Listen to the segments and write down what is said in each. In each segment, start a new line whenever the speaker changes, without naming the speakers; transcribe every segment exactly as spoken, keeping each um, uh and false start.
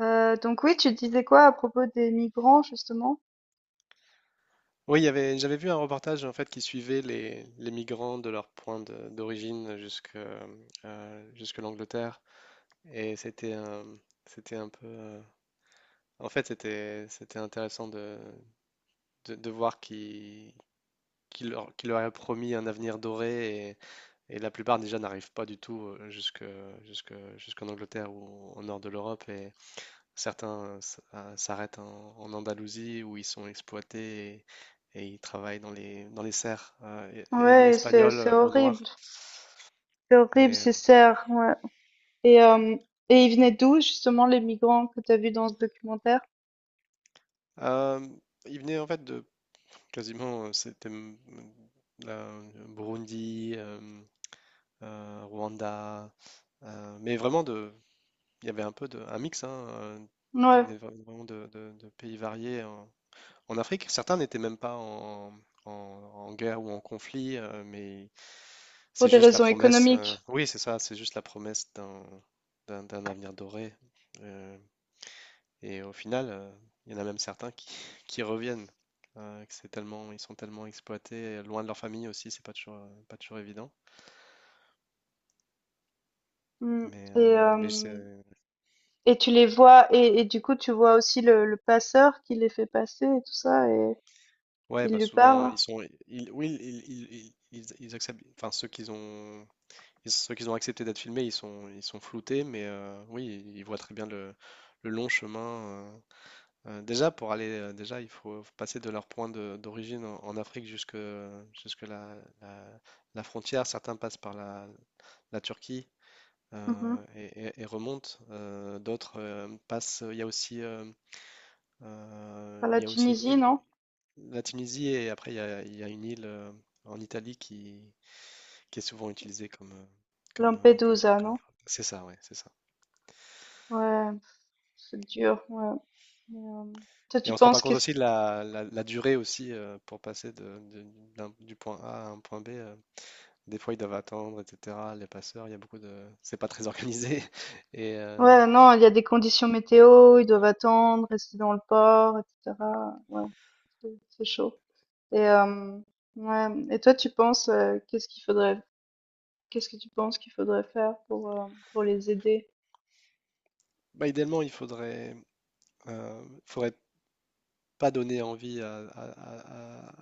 Euh, donc oui, tu disais quoi à propos des migrants justement?
Oui, il y avait, j'avais vu un reportage en fait qui suivait les, les migrants de leur point de- d'origine jusque euh, jusque l'Angleterre. Et c'était un, c'était un peu euh, en fait c'était c'était intéressant de, de, de voir qui qui leur, qui leur a promis un avenir doré, et, et la plupart déjà n'arrivent pas du tout, euh, jusque jusque jusqu'en Angleterre ou au nord de l'Europe. Certains s- euh, s'arrêtent en, en Andalousie où ils sont exploités, et, et ils travaillent dans les, dans les serres, euh, e- e-
Ouais, c'est
espagnoles,
c'est
euh, au noir.
horrible, c'est horrible,
Et, euh,
c'est serre. Ouais. Et euh, et ils venaient d'où justement les migrants que tu as vus dans ce documentaire?
euh, ils venaient en fait de quasiment, euh, c'était m- m- la- Burundi, euh, euh, Rwanda, euh, mais vraiment de, il y avait un peu de, un mix hein, euh, qui
Ouais,
venait vra- vraiment de, de- de pays variés en, en Afrique. Certains n'étaient même pas en, en- en guerre ou en conflit, euh, mais
pour
c'est
des
juste la Mm.
raisons
promesse. euh,
économiques.
Oui, c'est ça, c'est juste la promesse d'un d'un d'un avenir doré. euh, et au final, euh, il y en a même certains qui, qui reviennent. Euh, que c'est tellement, ils sont tellement exploités, euh, loin de leur famille aussi. C'est pas toujours, euh, pas toujours évident.
Mm.
Mais
Et
euh, mais
euh,
c'est-
et tu les vois et et du coup tu vois aussi le le passeur qui les fait passer et tout ça et
ouais,
il
bah
lui
souvent
parle.
ils sont, ils, oui, ils, ils, ils- ils- ils acceptent. Enfin, ceux qu'ils ont, ils- ceux qu'ils ont accepté d'être filmés, ils sont, ils sont floutés. Mais euh, oui, ils voient très bien le le long chemin. euh, Euh, déjà, pour aller, euh, déjà, il faut passer de leur point de- d'origine en, en Afrique jusque, jusque la, la- la frontière. Certains passent par la, la Turquie,
Mhm.
euh, et, et- et remontent. Euh, d'autres euh, passent. Il y a aussi, euh, euh,
Par la
il y a aussi une
Tunisie,
île-
non?
la Tunisie, et après il y a, il y a une île euh, en Italie qui, qui est souvent utilisée comme, euh, comme, euh, comme,
Lampedusa,
comme-
non?
C'est ça, ouais, c'est ça.
Ouais, c'est dur. Ouais. Mais, euh, toi,
Et
tu
on se rend pas
penses que
compte aussi de la, la- la durée aussi, euh, pour passer de- de- d'un- du point A à un point B. euh, Des fois, ils doivent attendre, et cetera. Les passeurs, il y a beaucoup de. C'est pas très organisé. Et euh,
ouais, non, il y a des conditions météo, ils doivent attendre, rester dans le port, et cetera. Ouais, c'est c'est chaud. Et euh, ouais, et toi, tu penses euh, qu'est-ce qu'il faudrait, qu'est-ce que tu penses qu'il faudrait faire pour euh, pour les aider?
bah, idéalement, il faudrait, euh, faudrait pas donner envie à, à-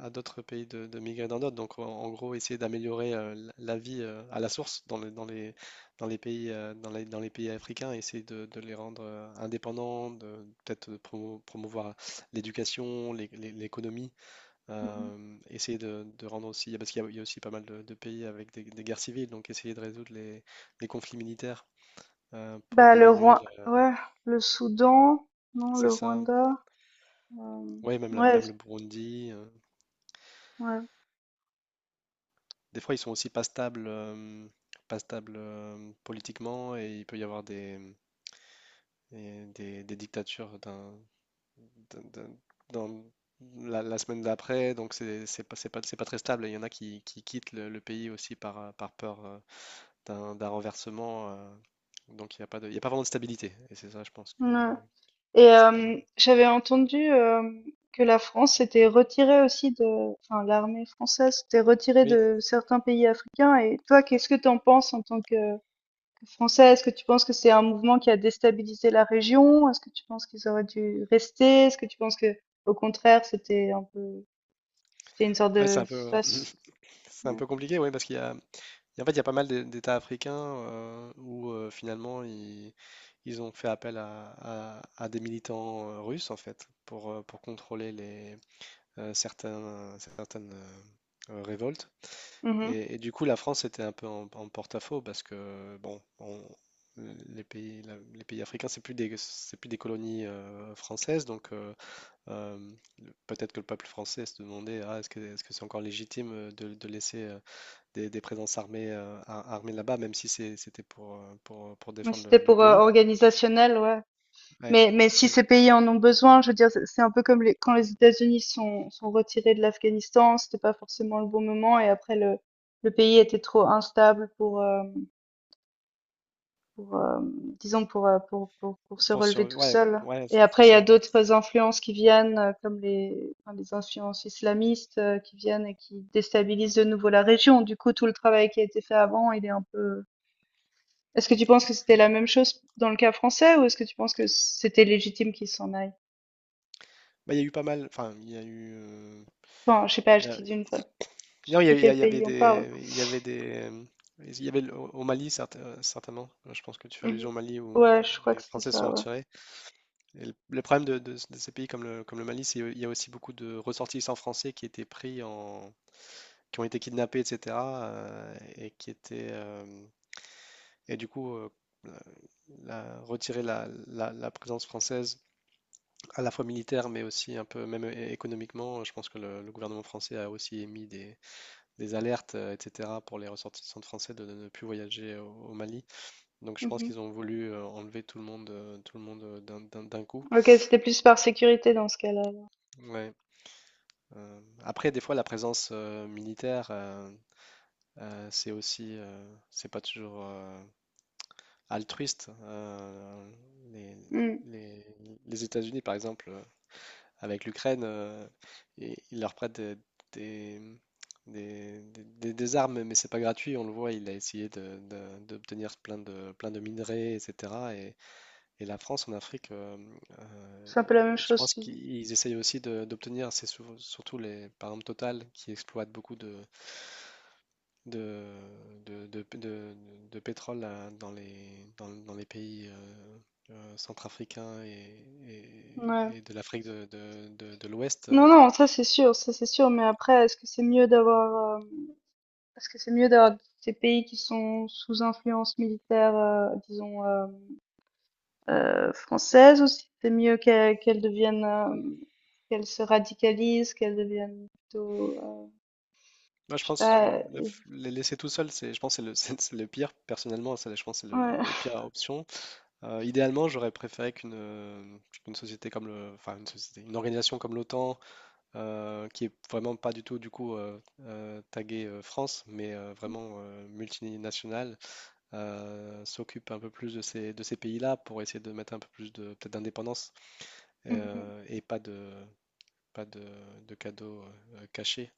à- à d'autres pays de, de migrer dans d'autres. Donc, en, en gros, essayer d'améliorer, euh, l- la vie, euh, à la source dans les, dans les, dans les pays, euh, dans les, dans les pays africains. Essayer de, de les rendre, euh, indépendants, de peut-être de promo- promouvoir l'éducation, l'é- l'é- l'économie.
Mhm.
Euh, essayer de, de rendre aussi, parce qu'il y, a il y a aussi pas mal de, de pays avec des, des guerres civiles, donc essayer de résoudre les, les conflits militaires, euh, pour
Bah le
diminuer,
Roi,
le-
ouais, le Soudan, non,
C'est
le
ça.
Rwanda, euh,
Ouais, même, la-
ouais,
même le Burundi. euh,
ouais,
des fois, ils sont aussi pas stables, euh, pas stables euh, politiquement, et il peut y avoir des, et des, des dictatures, d'un, d'un- d'un- dans la, la semaine d'après. Donc c'est c'est pas, c'est pas, c'est pas très stable. Et il y en a qui, qui quittent le, le pays aussi par, euh, par peur, euh, d'un d'un renversement. Euh, donc il n'y a pas de, il y a pas vraiment de stabilité. Et c'est ça, je pense, que,
ouais. Et
qui serait pas mal.
hem, j'avais entendu, hem, que la France s'était retirée aussi de enfin l'armée française s'était retirée
Oui,
de certains pays africains et toi, qu'est-ce que tu en penses en tant que que Français? Est-ce que tu penses que c'est un mouvement qui a déstabilisé la région? Est-ce que tu penses qu'ils auraient dû rester? Est-ce que tu penses que, au contraire, c'était un peu c'était une sorte
ouais, c'est
de
un peu,
faç
c'est un
ouais.
peu compliqué, oui, parce qu'il y a, en fait, il y a pas mal d'É- d'États africains, euh, où euh, finalement ils, ils ont fait appel à, à- à des militants euh, russes en fait pour, euh, pour contrôler les, euh, certains, certaines, euh, euh, révoltes.
Mmh mh.
Et, et du coup, la France était un peu en, en porte-à-faux, parce que, bon, on- les pays, la- les pays africains, c'est plus des, c'est plus des colonies, euh, françaises. Donc, euh, euh, le- peut-être que le peuple français se demandait, ah, est-ce que, est-ce que c'est encore légitime, euh, de, de laisser, euh, des, des présences armées, euh, ar- armées là-bas, même si c'est- c'était pour, euh, pour, pour
Ouais,
défendre
c'était
le, le
pour, heu,
pays.
organisationnel, ouais.
Ouais.
Mais, mais si
Et
ces pays en ont besoin, je veux dire, c'est c'est un peu comme les- quand les États-Unis sont, sont retirés de l'Afghanistan, c'était pas forcément le bon moment et après le, le pays était trop instable pour, euh, pour euh, disons, pour, euh, pour, pour, pour se
Pour sur...
relever tout
Ouais,
seul.
ouais, c'est
Et
c'est
après, il y a
ça.
d'autres influences qui viennent, euh, comme les, enfin, les influences islamistes euh, qui viennent et qui déstabilisent de nouveau la région. Du coup, tout le travail qui a été fait avant, il est un peu... Est-ce que tu penses que c'était la même chose dans le cas français ou est-ce que tu penses que c'était légitime qu'ils s'en aillent?
Bah, il y a eu pas mal, enfin, il y a eu, euh,
Enfin, je sais pas,
il y
je
a-
dis d'une fois. Je sais
non, il y, a-
plus
il y a-
quel
il y avait
pays on parle.
des, il y avait des, il y avait le- au au Mali, certain- euh, certainement. Je pense que tu fais
Mhm.
allusion au Mali où
Ouais, je crois que
les
c'était
Français se sont
ça, ouais.
retirés. Et le, le problème de, de- de ces pays comme le, comme le Mali, c'est qu'il y a aussi beaucoup de ressortissants français qui étaient pris en, qui ont été kidnappés, et cetera euh, et qui étaient, euh, et du coup, euh, la- la- Retirer la, la- la présence française à la fois militaire, mais aussi un peu même é- économiquement. Je pense que le, le gouvernement français a aussi émis des des alertes, euh, et cetera, pour les ressortissants français de ne plus voyager, euh, au, au Mali. Donc je pense
Mhm.
qu'ils ont voulu, euh, enlever tout le monde, euh, tout le monde euh, d'un- d'un d'un coup.
Ok, c'était plus par sécurité dans ce cas-là alors.
Ouais. Euh, après, des fois, la présence, euh, militaire, euh, euh, c'est aussi, euh, c'est pas toujours, euh, altruiste. Euh, les,
Mm.
les- les États-Unis, par exemple, euh, avec l'Ukraine, euh, et il leur prête des, des, des- des- des armes, mais c'est pas gratuit. On le voit, il a essayé de- de- d'obtenir plein de, plein de minerais, et cetera. Et, et la France en Afrique, euh, euh,
C'est un peu la même
et je
chose,
pense
tu dis.
qu'ils essayent aussi de- d'obtenir, c'est sou- surtout les, par exemple Total, qui exploite beaucoup de, de, de, de- de- de pétrole, euh, dans les, dans, dans les pays, euh, euh, centrafricains, et,
Ouais.
et- et de l'Afrique de, de- de- de l'Ouest.
Non,
euh,
non, ça c'est sûr, ça c'est sûr. Mais après, est-ce que c'est mieux d'avoir, euh, est-ce que c'est mieux d'avoir ces pays qui sont sous influence militaire, euh, disons, euh, euh, française, ou si c'est mieux qu'elles qu'elles deviennent, euh, qu'elles se radicalisent, qu'elles deviennent plutôt, euh,
Moi, je
je sais
pense
pas,
le, le
euh,
les laisser tout seul, c'est, je pense, que c'est le, c'est c'est le pire. Personnellement, c'est, je pense, que c'est le,
ouais.
le pire option. Euh, idéalement, j'aurais préféré qu'une euh, qu'une société comme le, enfin, une société, une organisation comme l'OTAN, euh, qui est vraiment pas du tout du coup, euh, euh, taguée, euh, France, mais euh, vraiment, euh, multinationale, euh, s'occupe un peu plus de ces de ces pays-là, pour essayer de mettre un peu plus de peut-être d'indépendance, euh, et pas de pas de, de cadeaux, euh, cachés.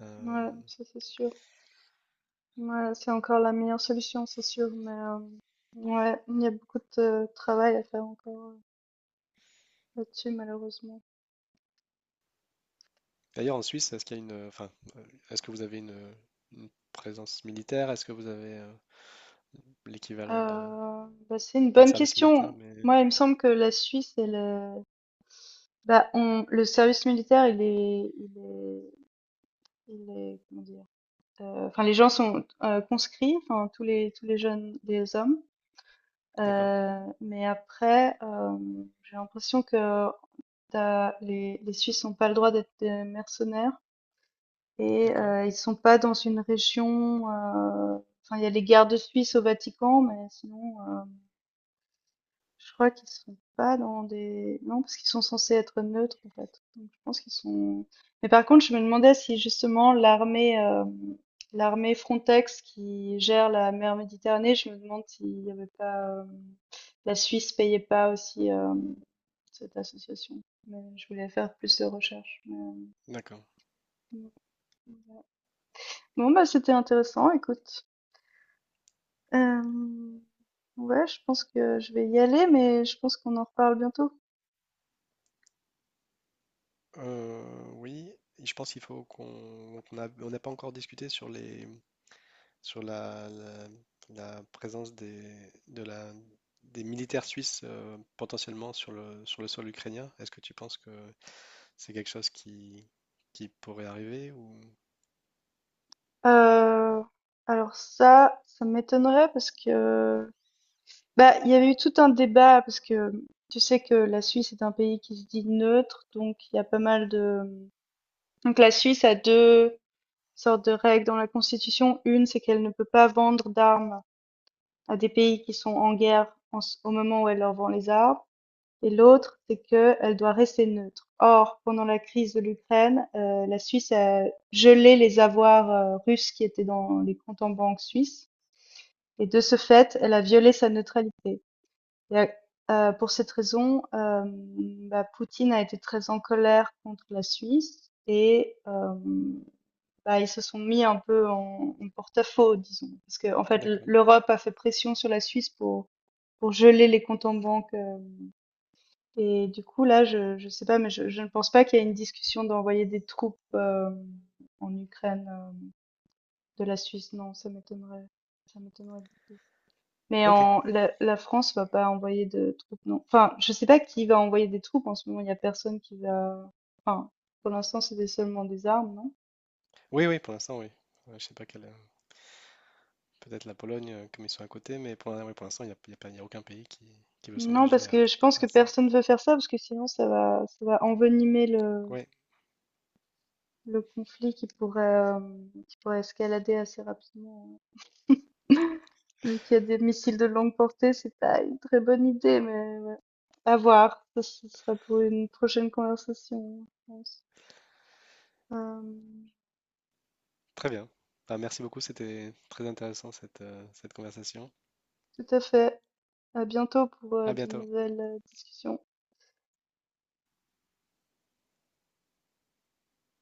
Euh,
Ouais, ça c'est sûr. Ouais, c'est encore la meilleure solution, c'est sûr, mais euh, ouais, il y a beaucoup de euh, travail à faire encore euh, là-dessus, malheureusement.
D'ailleurs, en Suisse, est-ce qu'il y a une, euh, enfin, euh, est-ce que vous avez une, une présence militaire? Est-ce que vous avez, euh, l'équivalent de,
Euh, bah, c'est une
pas le
bonne
service militaire,
question.
mais
Moi, il me semble que la Suisse, elle, est- bah, on, le service militaire, il est, il est, il est, comment dire, euh, enfin, les gens sont euh, conscrits, enfin, tous les, tous les jeunes, les hommes.
d'accord,
Euh, mais après, euh, j'ai l'impression que euh, t'as- les, les Suisses n'ont pas le droit d'être des mercenaires. Et
d'accord,
euh, ils sont pas dans une région. euh, Enfin, il y a les gardes suisses au Vatican, mais sinon, euh, je crois qu'ils sont pas dans des. Non, parce qu'ils sont censés être neutres en fait. Donc, je pense qu'ils sont. Mais par contre, je me demandais si justement l'armée, euh, l'armée Frontex qui gère la mer Méditerranée, je me demande s'il y avait pas euh, la Suisse payait pas aussi euh, cette association. Mais je voulais faire plus de recherches, mais,
d'accord.
euh, bon, bah, c'était intéressant, écoute. Hem, ouais, je pense que je vais y aller, mais je pense qu'on en reparle bientôt.
Euh, oui, et je pense qu'il faut qu'on, qu'on a- on n'a pas encore discuté sur les, sur la, la, la présence des, de la, des militaires suisses, euh, potentiellement sur le, sur le sol ukrainien. Est-ce que tu penses que c'est quelque chose qui, qui pourrait arriver ou?
Heu, alors ça, ça m'étonnerait parce que, bah, il y avait eu tout un débat parce que tu sais que la Suisse est un pays qui se dit neutre, donc il y a pas mal de donc la Suisse a deux sortes de règles dans la constitution. Une, c'est qu'elle ne peut pas vendre d'armes à des pays qui sont en guerre en ce au moment où elle leur vend les armes. Et l'autre, c'est qu'elle doit rester neutre. Or, pendant la crise de l'Ukraine, euh, la Suisse a gelé les avoirs euh, russes qui étaient dans les comptes en banque suisses. Et de ce fait, elle a violé sa neutralité. Et, euh, pour cette raison, euh, bah, Poutine a été très en colère contre la Suisse et euh, bah, ils se sont mis un peu en, en porte-à-faux, disons. Parce que, en fait, l-
D'accord.
l'Europe a fait pression sur la Suisse pour, pour geler les comptes en banque euh, et du coup, là, je je sais pas, mais je je ne pense pas qu'il y ait une discussion d'envoyer des troupes, heu, en Ukraine, heu, de la Suisse. Non, ça m'étonnerait ça m'étonnerait beaucoup. Mais
Ok.
en la la France va pas envoyer de troupes, non. Enfin, je sais pas qui va envoyer des troupes en ce moment, il y a personne qui va enfin, pour l'instant, c'est des seulement des armes, non?
Oui, oui, pour l'instant, oui. Euh, Je sais pas quelle, euh, peut-être la Pologne, euh, comme ils sont à côté, mais pour, l'in- oui, pour l'instant, il n'y a, il y a pas, il y a aucun pays qui, qui veut
Non,
s'engager
parce
à,
que je pense que
à ça.
personne veut faire ça, parce que sinon ça va ça va envenimer le
Oui,
le conflit qui pourrait, hem, qui pourrait escalader assez rapidement. Vu qu'il y a des missiles de longue portée, c'est pas une très bonne idée, mais ouais. À voir. Ça, ce sera pour une prochaine conversation, je pense. Euh,
très bien. Bah, merci beaucoup, c'était très intéressant cette, euh, cette conversation.
tout à fait. À bientôt pour euh,
À
de
bientôt.
nouvelles euh, discussions.